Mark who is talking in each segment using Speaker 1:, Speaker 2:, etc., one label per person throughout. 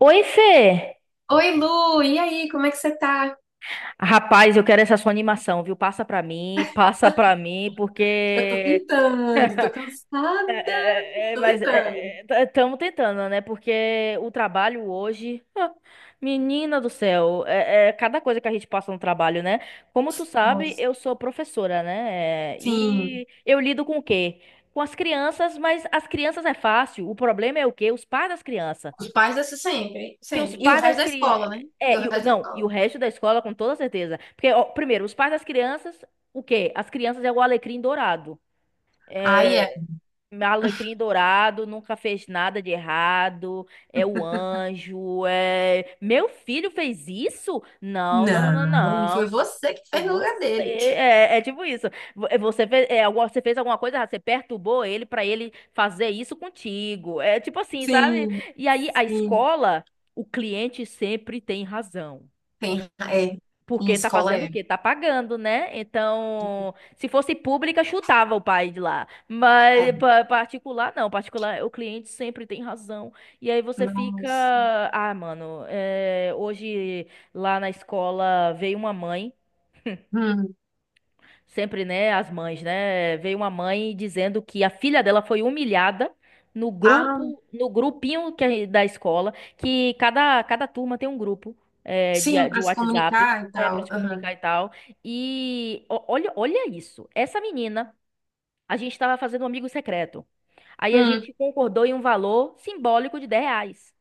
Speaker 1: Oi, Fê!
Speaker 2: Oi, Lu, e aí, como é que você tá?
Speaker 1: Rapaz, eu quero essa sua animação, viu? Passa pra mim,
Speaker 2: Eu Tô
Speaker 1: porque.
Speaker 2: tentando, tô cansada,
Speaker 1: É,
Speaker 2: tô
Speaker 1: mas
Speaker 2: tentando.
Speaker 1: estamos tentando, né? Porque o trabalho hoje. ah, menina do céu, é cada coisa que a gente passa no trabalho, né? Como tu sabe,
Speaker 2: Nossa.
Speaker 1: eu sou professora, né? É,
Speaker 2: Sim,
Speaker 1: E eu lido com o quê? Com as crianças, mas as crianças é fácil. O problema é o quê? Os pais das crianças.
Speaker 2: os pais dessa sempre,
Speaker 1: Que os
Speaker 2: sempre. E o
Speaker 1: pais
Speaker 2: resto
Speaker 1: das
Speaker 2: da
Speaker 1: crianças.
Speaker 2: escola, né? E o resto da
Speaker 1: Não, e o
Speaker 2: escola.
Speaker 1: resto da escola, com toda certeza. Porque, ó, primeiro, os pais das crianças, o quê? As crianças é o alecrim dourado.
Speaker 2: Aí é.
Speaker 1: É, Alecrim dourado, nunca fez nada de errado, é o anjo, é... Meu filho fez isso? Não, não, não, não,
Speaker 2: Não, foi
Speaker 1: não.
Speaker 2: você que
Speaker 1: Foi
Speaker 2: fez no lugar
Speaker 1: você,
Speaker 2: dele.
Speaker 1: é tipo isso. Você fez, você fez alguma coisa errada, você perturbou ele pra ele fazer isso contigo. É tipo assim, sabe?
Speaker 2: Sim,
Speaker 1: E aí a
Speaker 2: sim.
Speaker 1: escola, o cliente sempre tem razão.
Speaker 2: Tem, é, em
Speaker 1: Porque tá
Speaker 2: escola
Speaker 1: fazendo o
Speaker 2: é.
Speaker 1: quê? Tá pagando, né? Então, se fosse pública, chutava o pai de lá.
Speaker 2: É.
Speaker 1: Mas particular, não. Particular, o cliente sempre tem razão. E aí você fica.
Speaker 2: Nossa.
Speaker 1: Ah, mano, hoje lá na escola veio uma mãe.
Speaker 2: Hum.
Speaker 1: Sempre, né, as mães, né? Veio uma mãe dizendo que a filha dela foi humilhada no
Speaker 2: Ah,
Speaker 1: grupo, no grupinho que é da escola, que cada turma tem um grupo é,
Speaker 2: sim,
Speaker 1: de, de
Speaker 2: pra se
Speaker 1: WhatsApp
Speaker 2: comunicar e
Speaker 1: para
Speaker 2: tal.
Speaker 1: se
Speaker 2: Aham.
Speaker 1: comunicar e tal. Olha, olha isso. Essa menina, a gente estava fazendo um amigo secreto. Aí a
Speaker 2: Hum.
Speaker 1: gente concordou em um valor simbólico de R$ 10.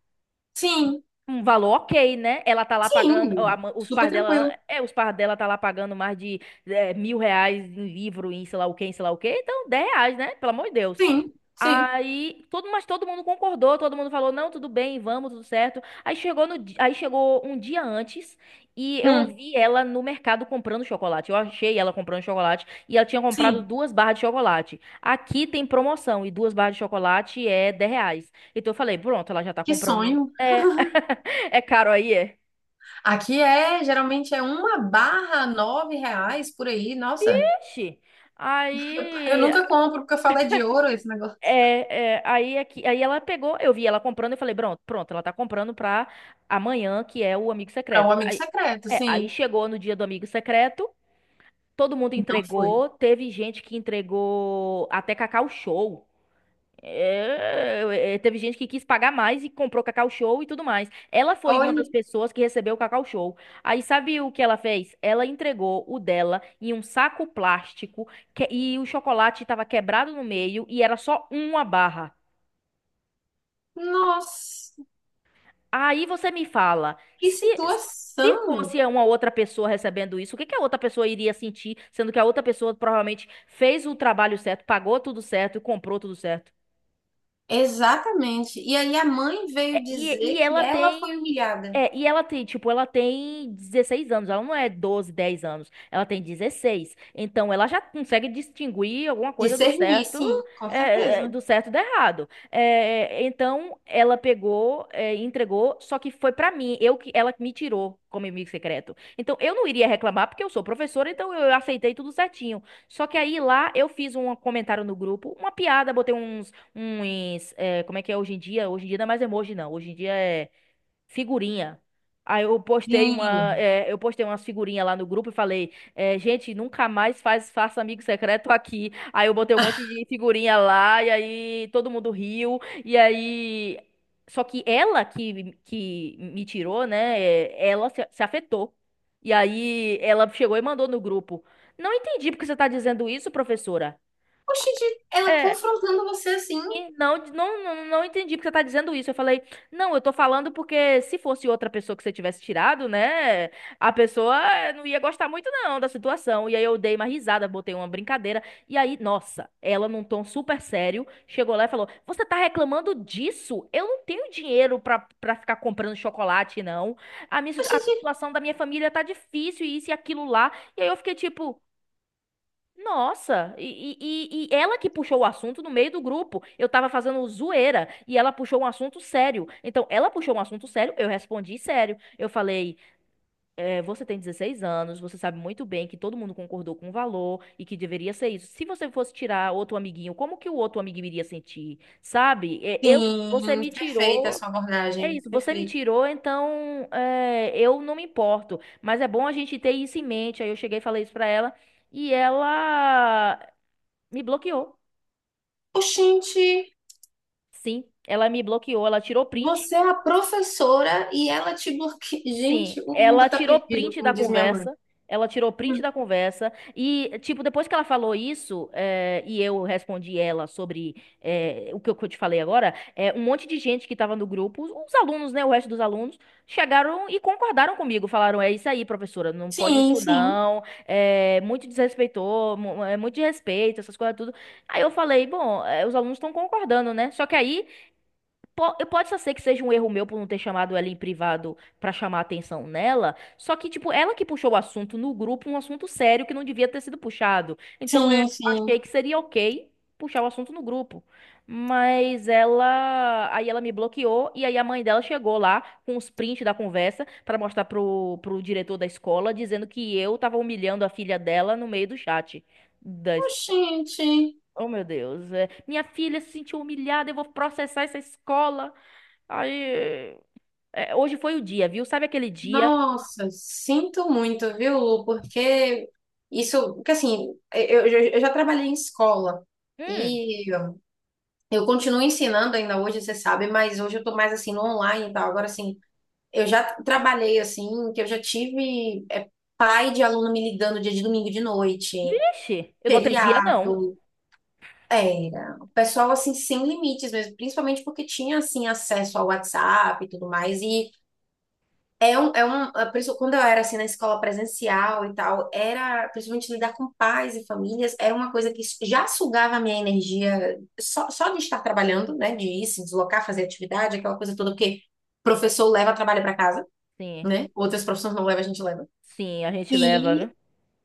Speaker 2: Sim,
Speaker 1: Um valor ok, né? Ela tá lá pagando, ó,
Speaker 2: sim.
Speaker 1: os
Speaker 2: Super
Speaker 1: pais dela,
Speaker 2: tranquilo.
Speaker 1: os pais dela tá lá pagando mais de R$ 1.000 em livro, em sei lá o quê, em sei lá o quê, então R$ 10, né? Pelo amor de Deus.
Speaker 2: Sim, sim.
Speaker 1: Aí, mas todo mundo concordou, todo mundo falou, não, tudo bem, vamos, tudo certo. Aí chegou no, di- aí chegou um dia antes e eu
Speaker 2: Hum.
Speaker 1: ouvi ela no mercado comprando chocolate. Eu achei ela comprando chocolate e ela tinha comprado
Speaker 2: Sim,
Speaker 1: duas barras de chocolate. Aqui tem promoção e duas barras de chocolate é R$ 10. Então eu falei, pronto, ela já tá
Speaker 2: que
Speaker 1: comprando.
Speaker 2: sonho.
Speaker 1: É, é caro aí, é?
Speaker 2: Aqui é, geralmente é uma barra nove reais por aí. Nossa,
Speaker 1: Vixe!
Speaker 2: eu
Speaker 1: Aí.
Speaker 2: nunca compro porque eu falo é de ouro esse negócio.
Speaker 1: Aí, aqui, aí ela pegou, eu vi ela comprando, eu falei, pronto, pronto, ela tá comprando pra amanhã, que é o amigo
Speaker 2: Para o
Speaker 1: secreto.
Speaker 2: amigo
Speaker 1: Aí,
Speaker 2: secreto,
Speaker 1: aí
Speaker 2: sim.
Speaker 1: chegou no dia do amigo secreto, todo mundo
Speaker 2: Não foi.
Speaker 1: entregou, teve gente que entregou até Cacau Show. É, é, teve gente que quis pagar mais e comprou Cacau Show e tudo mais. Ela foi uma
Speaker 2: Olha,
Speaker 1: das pessoas que recebeu o Cacau Show. Aí sabe o que ela fez? Ela entregou o dela em um saco plástico e o chocolate estava quebrado no meio e era só uma barra.
Speaker 2: nossa,
Speaker 1: Aí você me fala,
Speaker 2: que
Speaker 1: se
Speaker 2: situação.
Speaker 1: fosse uma outra pessoa recebendo isso, o que que a outra pessoa iria sentir, sendo que a outra pessoa provavelmente fez o trabalho certo, pagou tudo certo e comprou tudo certo?
Speaker 2: Exatamente. E aí a mãe
Speaker 1: É,
Speaker 2: veio
Speaker 1: E,
Speaker 2: dizer
Speaker 1: e
Speaker 2: que
Speaker 1: ela
Speaker 2: ela foi
Speaker 1: tem.
Speaker 2: humilhada.
Speaker 1: E ela tem, tipo, ela tem 16 anos, ela não é 12 10 anos, ela tem dezesseis. Então ela já consegue distinguir alguma coisa do
Speaker 2: Discernir,
Speaker 1: certo,
Speaker 2: sim, com certeza.
Speaker 1: do certo e do errado. Então ela pegou, e entregou, só que foi pra mim, eu que ela que me tirou como inimigo secreto. Então eu não iria reclamar porque eu sou professora, então eu aceitei tudo certinho. Só que aí lá eu fiz um comentário no grupo, uma piada, botei uns como é que é hoje em dia? Hoje em dia não é mais emoji, não. Hoje em dia é figurinha. Aí eu postei uma,
Speaker 2: Sim.
Speaker 1: é, eu postei umas figurinhas lá no grupo e falei, é, gente, nunca mais faz, faça amigo secreto aqui. Aí eu botei um monte de figurinha lá e aí todo mundo riu. E aí, só que ela que me tirou, né? Ela se afetou. E aí ela chegou e mandou no grupo. Não entendi porque você tá dizendo isso, professora.
Speaker 2: Oxente, ela
Speaker 1: É,
Speaker 2: confrontando você assim.
Speaker 1: e não, não, não, não entendi porque você tá dizendo isso. Eu falei, não, eu tô falando porque se fosse outra pessoa que você tivesse tirado, né? A pessoa não ia gostar muito, não, da situação. E aí eu dei uma risada, botei uma brincadeira. E aí, nossa, ela num tom super sério, chegou lá e falou: Você tá reclamando disso? Eu não tenho dinheiro pra, pra ficar comprando chocolate, não. A
Speaker 2: Oxente,
Speaker 1: situação da minha família tá difícil, e isso e aquilo lá. E aí eu fiquei tipo. Nossa, e ela que puxou o assunto no meio do grupo. Eu tava fazendo zoeira e ela puxou um assunto sério. Então, ela puxou um assunto sério, eu respondi sério. Eu falei: "É, você tem 16 anos, você sabe muito bem que todo mundo concordou com o valor e que deveria ser isso. Se você fosse tirar outro amiguinho, como que o outro amiguinho iria sentir? Sabe? Você
Speaker 2: sim,
Speaker 1: me
Speaker 2: perfeita a
Speaker 1: tirou.
Speaker 2: sua
Speaker 1: É
Speaker 2: abordagem.
Speaker 1: isso, você me
Speaker 2: Perfeito.
Speaker 1: tirou, então é, eu não me importo. Mas é bom a gente ter isso em mente. Aí eu cheguei e falei isso pra ela. E ela me bloqueou.
Speaker 2: Oxente,
Speaker 1: Sim, ela me bloqueou. Ela tirou print.
Speaker 2: você é a professora e ela te bloqueia.
Speaker 1: Sim,
Speaker 2: Gente, o
Speaker 1: ela
Speaker 2: mundo tá
Speaker 1: tirou
Speaker 2: perdido,
Speaker 1: print da
Speaker 2: como diz minha mãe.
Speaker 1: conversa. Ela tirou print
Speaker 2: Hum.
Speaker 1: da conversa. E, tipo, depois que ela falou isso, e eu respondi ela sobre o que eu te falei agora, um monte de gente que tava no grupo, os alunos, né? O resto dos alunos, chegaram e concordaram comigo. Falaram: é isso aí, professora, não pode
Speaker 2: Sim,
Speaker 1: isso
Speaker 2: sim,
Speaker 1: não. É muito desrespeitou, é muito de respeito, essas coisas tudo. Aí eu falei: bom, os alunos estão concordando, né? Só que aí. Pode só ser que seja um erro meu por não ter chamado ela em privado pra chamar a atenção nela, só que, tipo, ela que puxou o assunto no grupo, um assunto sério que não devia ter sido puxado. Então eu
Speaker 2: sim, sim.
Speaker 1: achei que seria ok puxar o assunto no grupo. Mas ela. Aí ela me bloqueou e aí a mãe dela chegou lá com os prints da conversa pra mostrar pro, pro diretor da escola, dizendo que eu tava humilhando a filha dela no meio do chat. Das...
Speaker 2: Oxente,
Speaker 1: Oh, meu Deus. Minha filha se sentiu humilhada, eu vou processar essa escola. Aí, hoje foi o dia, viu? Sabe aquele dia?
Speaker 2: nossa, sinto muito, viu? Porque isso, porque assim, eu já trabalhei em escola
Speaker 1: Hum,
Speaker 2: e eu continuo ensinando ainda hoje, você sabe, mas hoje eu tô mais assim no online e tal. Agora, assim, eu já trabalhei assim, que eu já tive pai de aluno me ligando dia de domingo de noite.
Speaker 1: ixi, eu não atendia, não.
Speaker 2: Feriado, era. O pessoal, assim, sem limites mesmo, principalmente porque tinha, assim, acesso ao WhatsApp e tudo mais. E é por isso, quando eu era, assim, na escola presencial e tal, era, principalmente lidar com pais e famílias, era uma coisa que já sugava a minha energia só, só de estar trabalhando, né, de ir se deslocar, fazer atividade, aquela coisa toda, porque professor leva trabalho para casa,
Speaker 1: Sim,
Speaker 2: né? Outras profissões não levam, a gente leva.
Speaker 1: sim, a gente leva,
Speaker 2: E
Speaker 1: viu?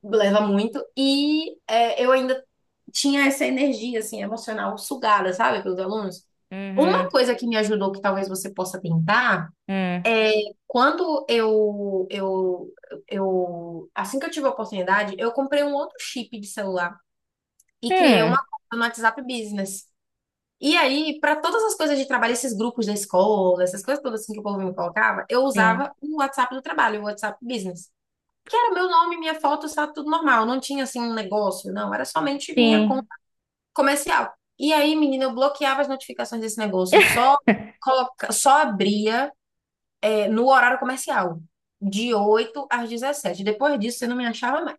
Speaker 2: leva muito. E é, eu ainda tinha essa energia, assim, emocional sugada, sabe, pelos alunos.
Speaker 1: Uhum,
Speaker 2: Uma coisa que me ajudou, que talvez você possa tentar,
Speaker 1: hum,
Speaker 2: é quando assim que eu tive a oportunidade, eu comprei um outro chip de celular e criei uma
Speaker 1: hum,
Speaker 2: conta no WhatsApp Business. E aí, para todas as coisas de trabalho, esses grupos da escola, essas coisas todas assim que o povo me colocava, eu
Speaker 1: sim,
Speaker 2: usava o WhatsApp do trabalho, o WhatsApp Business que era meu nome, minha foto, estava tudo normal. Não tinha assim um negócio, não. Era somente minha conta
Speaker 1: sim.
Speaker 2: comercial. E aí, menina, eu bloqueava as notificações desse negócio. Eu só, coloca... só abria no horário comercial, de 8 às 17. Depois disso, você não me achava mais.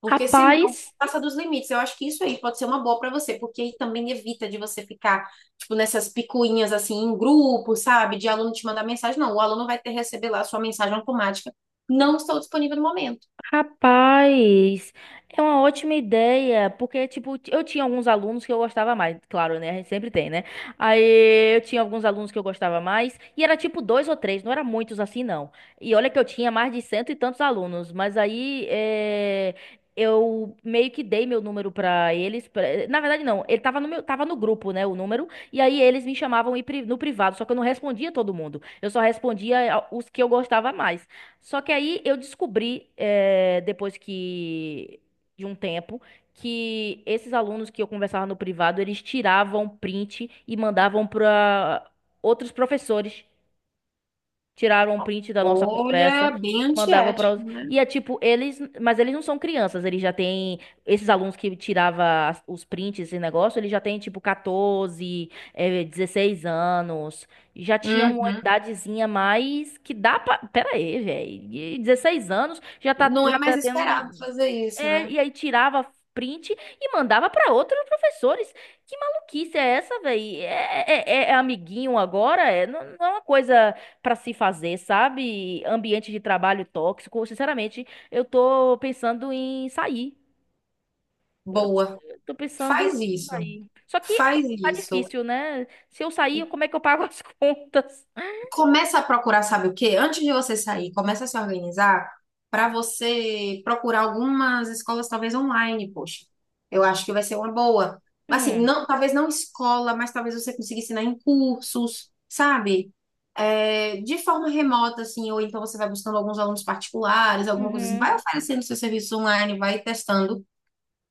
Speaker 2: Porque senão
Speaker 1: Rapaz.
Speaker 2: passa dos limites. Eu acho que isso aí pode ser uma boa para você, porque aí também evita de você ficar, tipo, nessas picuinhas assim, em grupo, sabe? De aluno te mandar mensagem. Não, o aluno vai ter que receber lá a sua mensagem automática. Não estou disponível no momento.
Speaker 1: Rapaz, é uma ótima ideia, porque, tipo, eu tinha alguns alunos que eu gostava mais, claro, né? A gente sempre tem, né? Aí eu tinha alguns alunos que eu gostava mais, e era tipo dois ou três, não era muitos assim, não. E olha que eu tinha mais de cento e tantos alunos, mas aí eu meio que dei meu número pra eles. Na verdade, não, ele tava no meu, tava no grupo, né? O número, e aí eles me chamavam no privado, só que eu não respondia todo mundo, eu só respondia os que eu gostava mais. Só que aí eu descobri, depois que de um tempo, que esses alunos que eu conversava no privado, eles tiravam print e mandavam para outros professores tiraram um print da nossa
Speaker 2: Olha,
Speaker 1: conversa
Speaker 2: bem
Speaker 1: e mandava para os...
Speaker 2: antiético, né?
Speaker 1: E é tipo, eles, mas eles não são crianças, eles já têm esses alunos que tirava os prints esse negócio, eles já têm tipo 14, 16 anos, já tinha uma
Speaker 2: Uhum.
Speaker 1: idadezinha mais que dá pra... Pera aí, velho, 16 anos já tá
Speaker 2: Não é
Speaker 1: já
Speaker 2: mais
Speaker 1: tá
Speaker 2: esperado
Speaker 1: tendo
Speaker 2: fazer isso, né?
Speaker 1: e aí tirava print e mandava pra outros professores. Que maluquice é essa, velho? É amiguinho agora? Não, não é uma coisa pra se fazer, sabe? Ambiente de trabalho tóxico. Sinceramente, eu tô pensando em sair. Eu,
Speaker 2: Boa.
Speaker 1: eu tô pensando
Speaker 2: Faz
Speaker 1: em
Speaker 2: isso.
Speaker 1: sair. Só que
Speaker 2: Faz
Speaker 1: tá
Speaker 2: isso.
Speaker 1: difícil, né? Se eu sair, como é que eu pago as contas?
Speaker 2: Começa a procurar, sabe o quê? Antes de você sair, começa a se organizar para você procurar algumas escolas, talvez online, poxa. Eu acho que vai ser uma boa. Mas, assim,
Speaker 1: Hum,
Speaker 2: não, talvez não escola, mas talvez você consiga ensinar em cursos, sabe? É, de forma remota, assim, ou então você vai buscando alguns alunos particulares, alguma coisa assim.
Speaker 1: uhum.
Speaker 2: Vai oferecendo seu serviço online, vai testando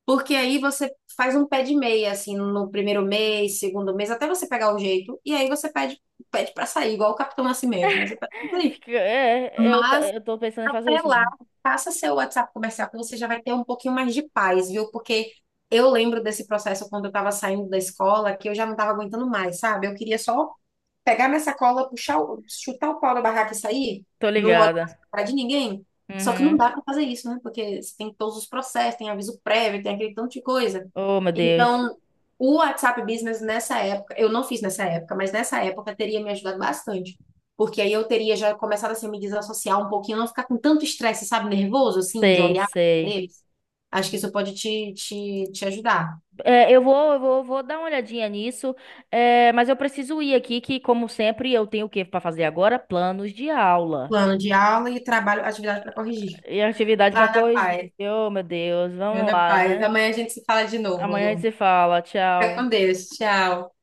Speaker 2: porque aí você faz um pé de meia, assim, no primeiro mês, segundo mês, até você pegar o jeito, e aí você pede, pede para sair, igual o Capitão Nascimento, né? Você pede pra sair.
Speaker 1: Fica- É, é, eu, t-
Speaker 2: Mas
Speaker 1: eu tô pensando em fazer
Speaker 2: até
Speaker 1: isso.
Speaker 2: lá,
Speaker 1: Mesmo.
Speaker 2: faça seu WhatsApp comercial, que você já vai ter um pouquinho mais de paz, viu? Porque eu lembro desse processo quando eu estava saindo da escola, que eu já não estava aguentando mais, sabe? Eu queria só pegar minha sacola, puxar, chutar o pau da barraca e sair,
Speaker 1: Tô
Speaker 2: não olhar
Speaker 1: ligada.
Speaker 2: para de ninguém. Só que não
Speaker 1: Uhum.
Speaker 2: dá para fazer isso, né? Porque você tem todos os processos, tem aviso prévio, tem aquele tanto de coisa.
Speaker 1: Oh, meu Deus.
Speaker 2: Então, o WhatsApp Business nessa época, eu não fiz nessa época, mas nessa época teria me ajudado bastante. Porque aí eu teria já começado assim, a me desassociar um pouquinho, não ficar com tanto estresse, sabe, nervoso, assim, de
Speaker 1: Sei,
Speaker 2: olhar pra
Speaker 1: sei.
Speaker 2: deles. Acho que isso pode te ajudar.
Speaker 1: Vou dar uma olhadinha nisso, mas eu preciso ir aqui, que como sempre eu tenho o que para fazer agora? Planos de aula
Speaker 2: Plano de aula e trabalho, atividade para corrigir.
Speaker 1: e atividade para
Speaker 2: Lá na
Speaker 1: corrigir.
Speaker 2: paz.
Speaker 1: Oh, meu Deus,
Speaker 2: Meu
Speaker 1: vamos
Speaker 2: na
Speaker 1: lá,
Speaker 2: paz.
Speaker 1: né?
Speaker 2: Amanhã a gente se fala de novo,
Speaker 1: Amanhã a gente
Speaker 2: Lu.
Speaker 1: se fala.
Speaker 2: Fica com
Speaker 1: Tchau.
Speaker 2: Deus. Tchau.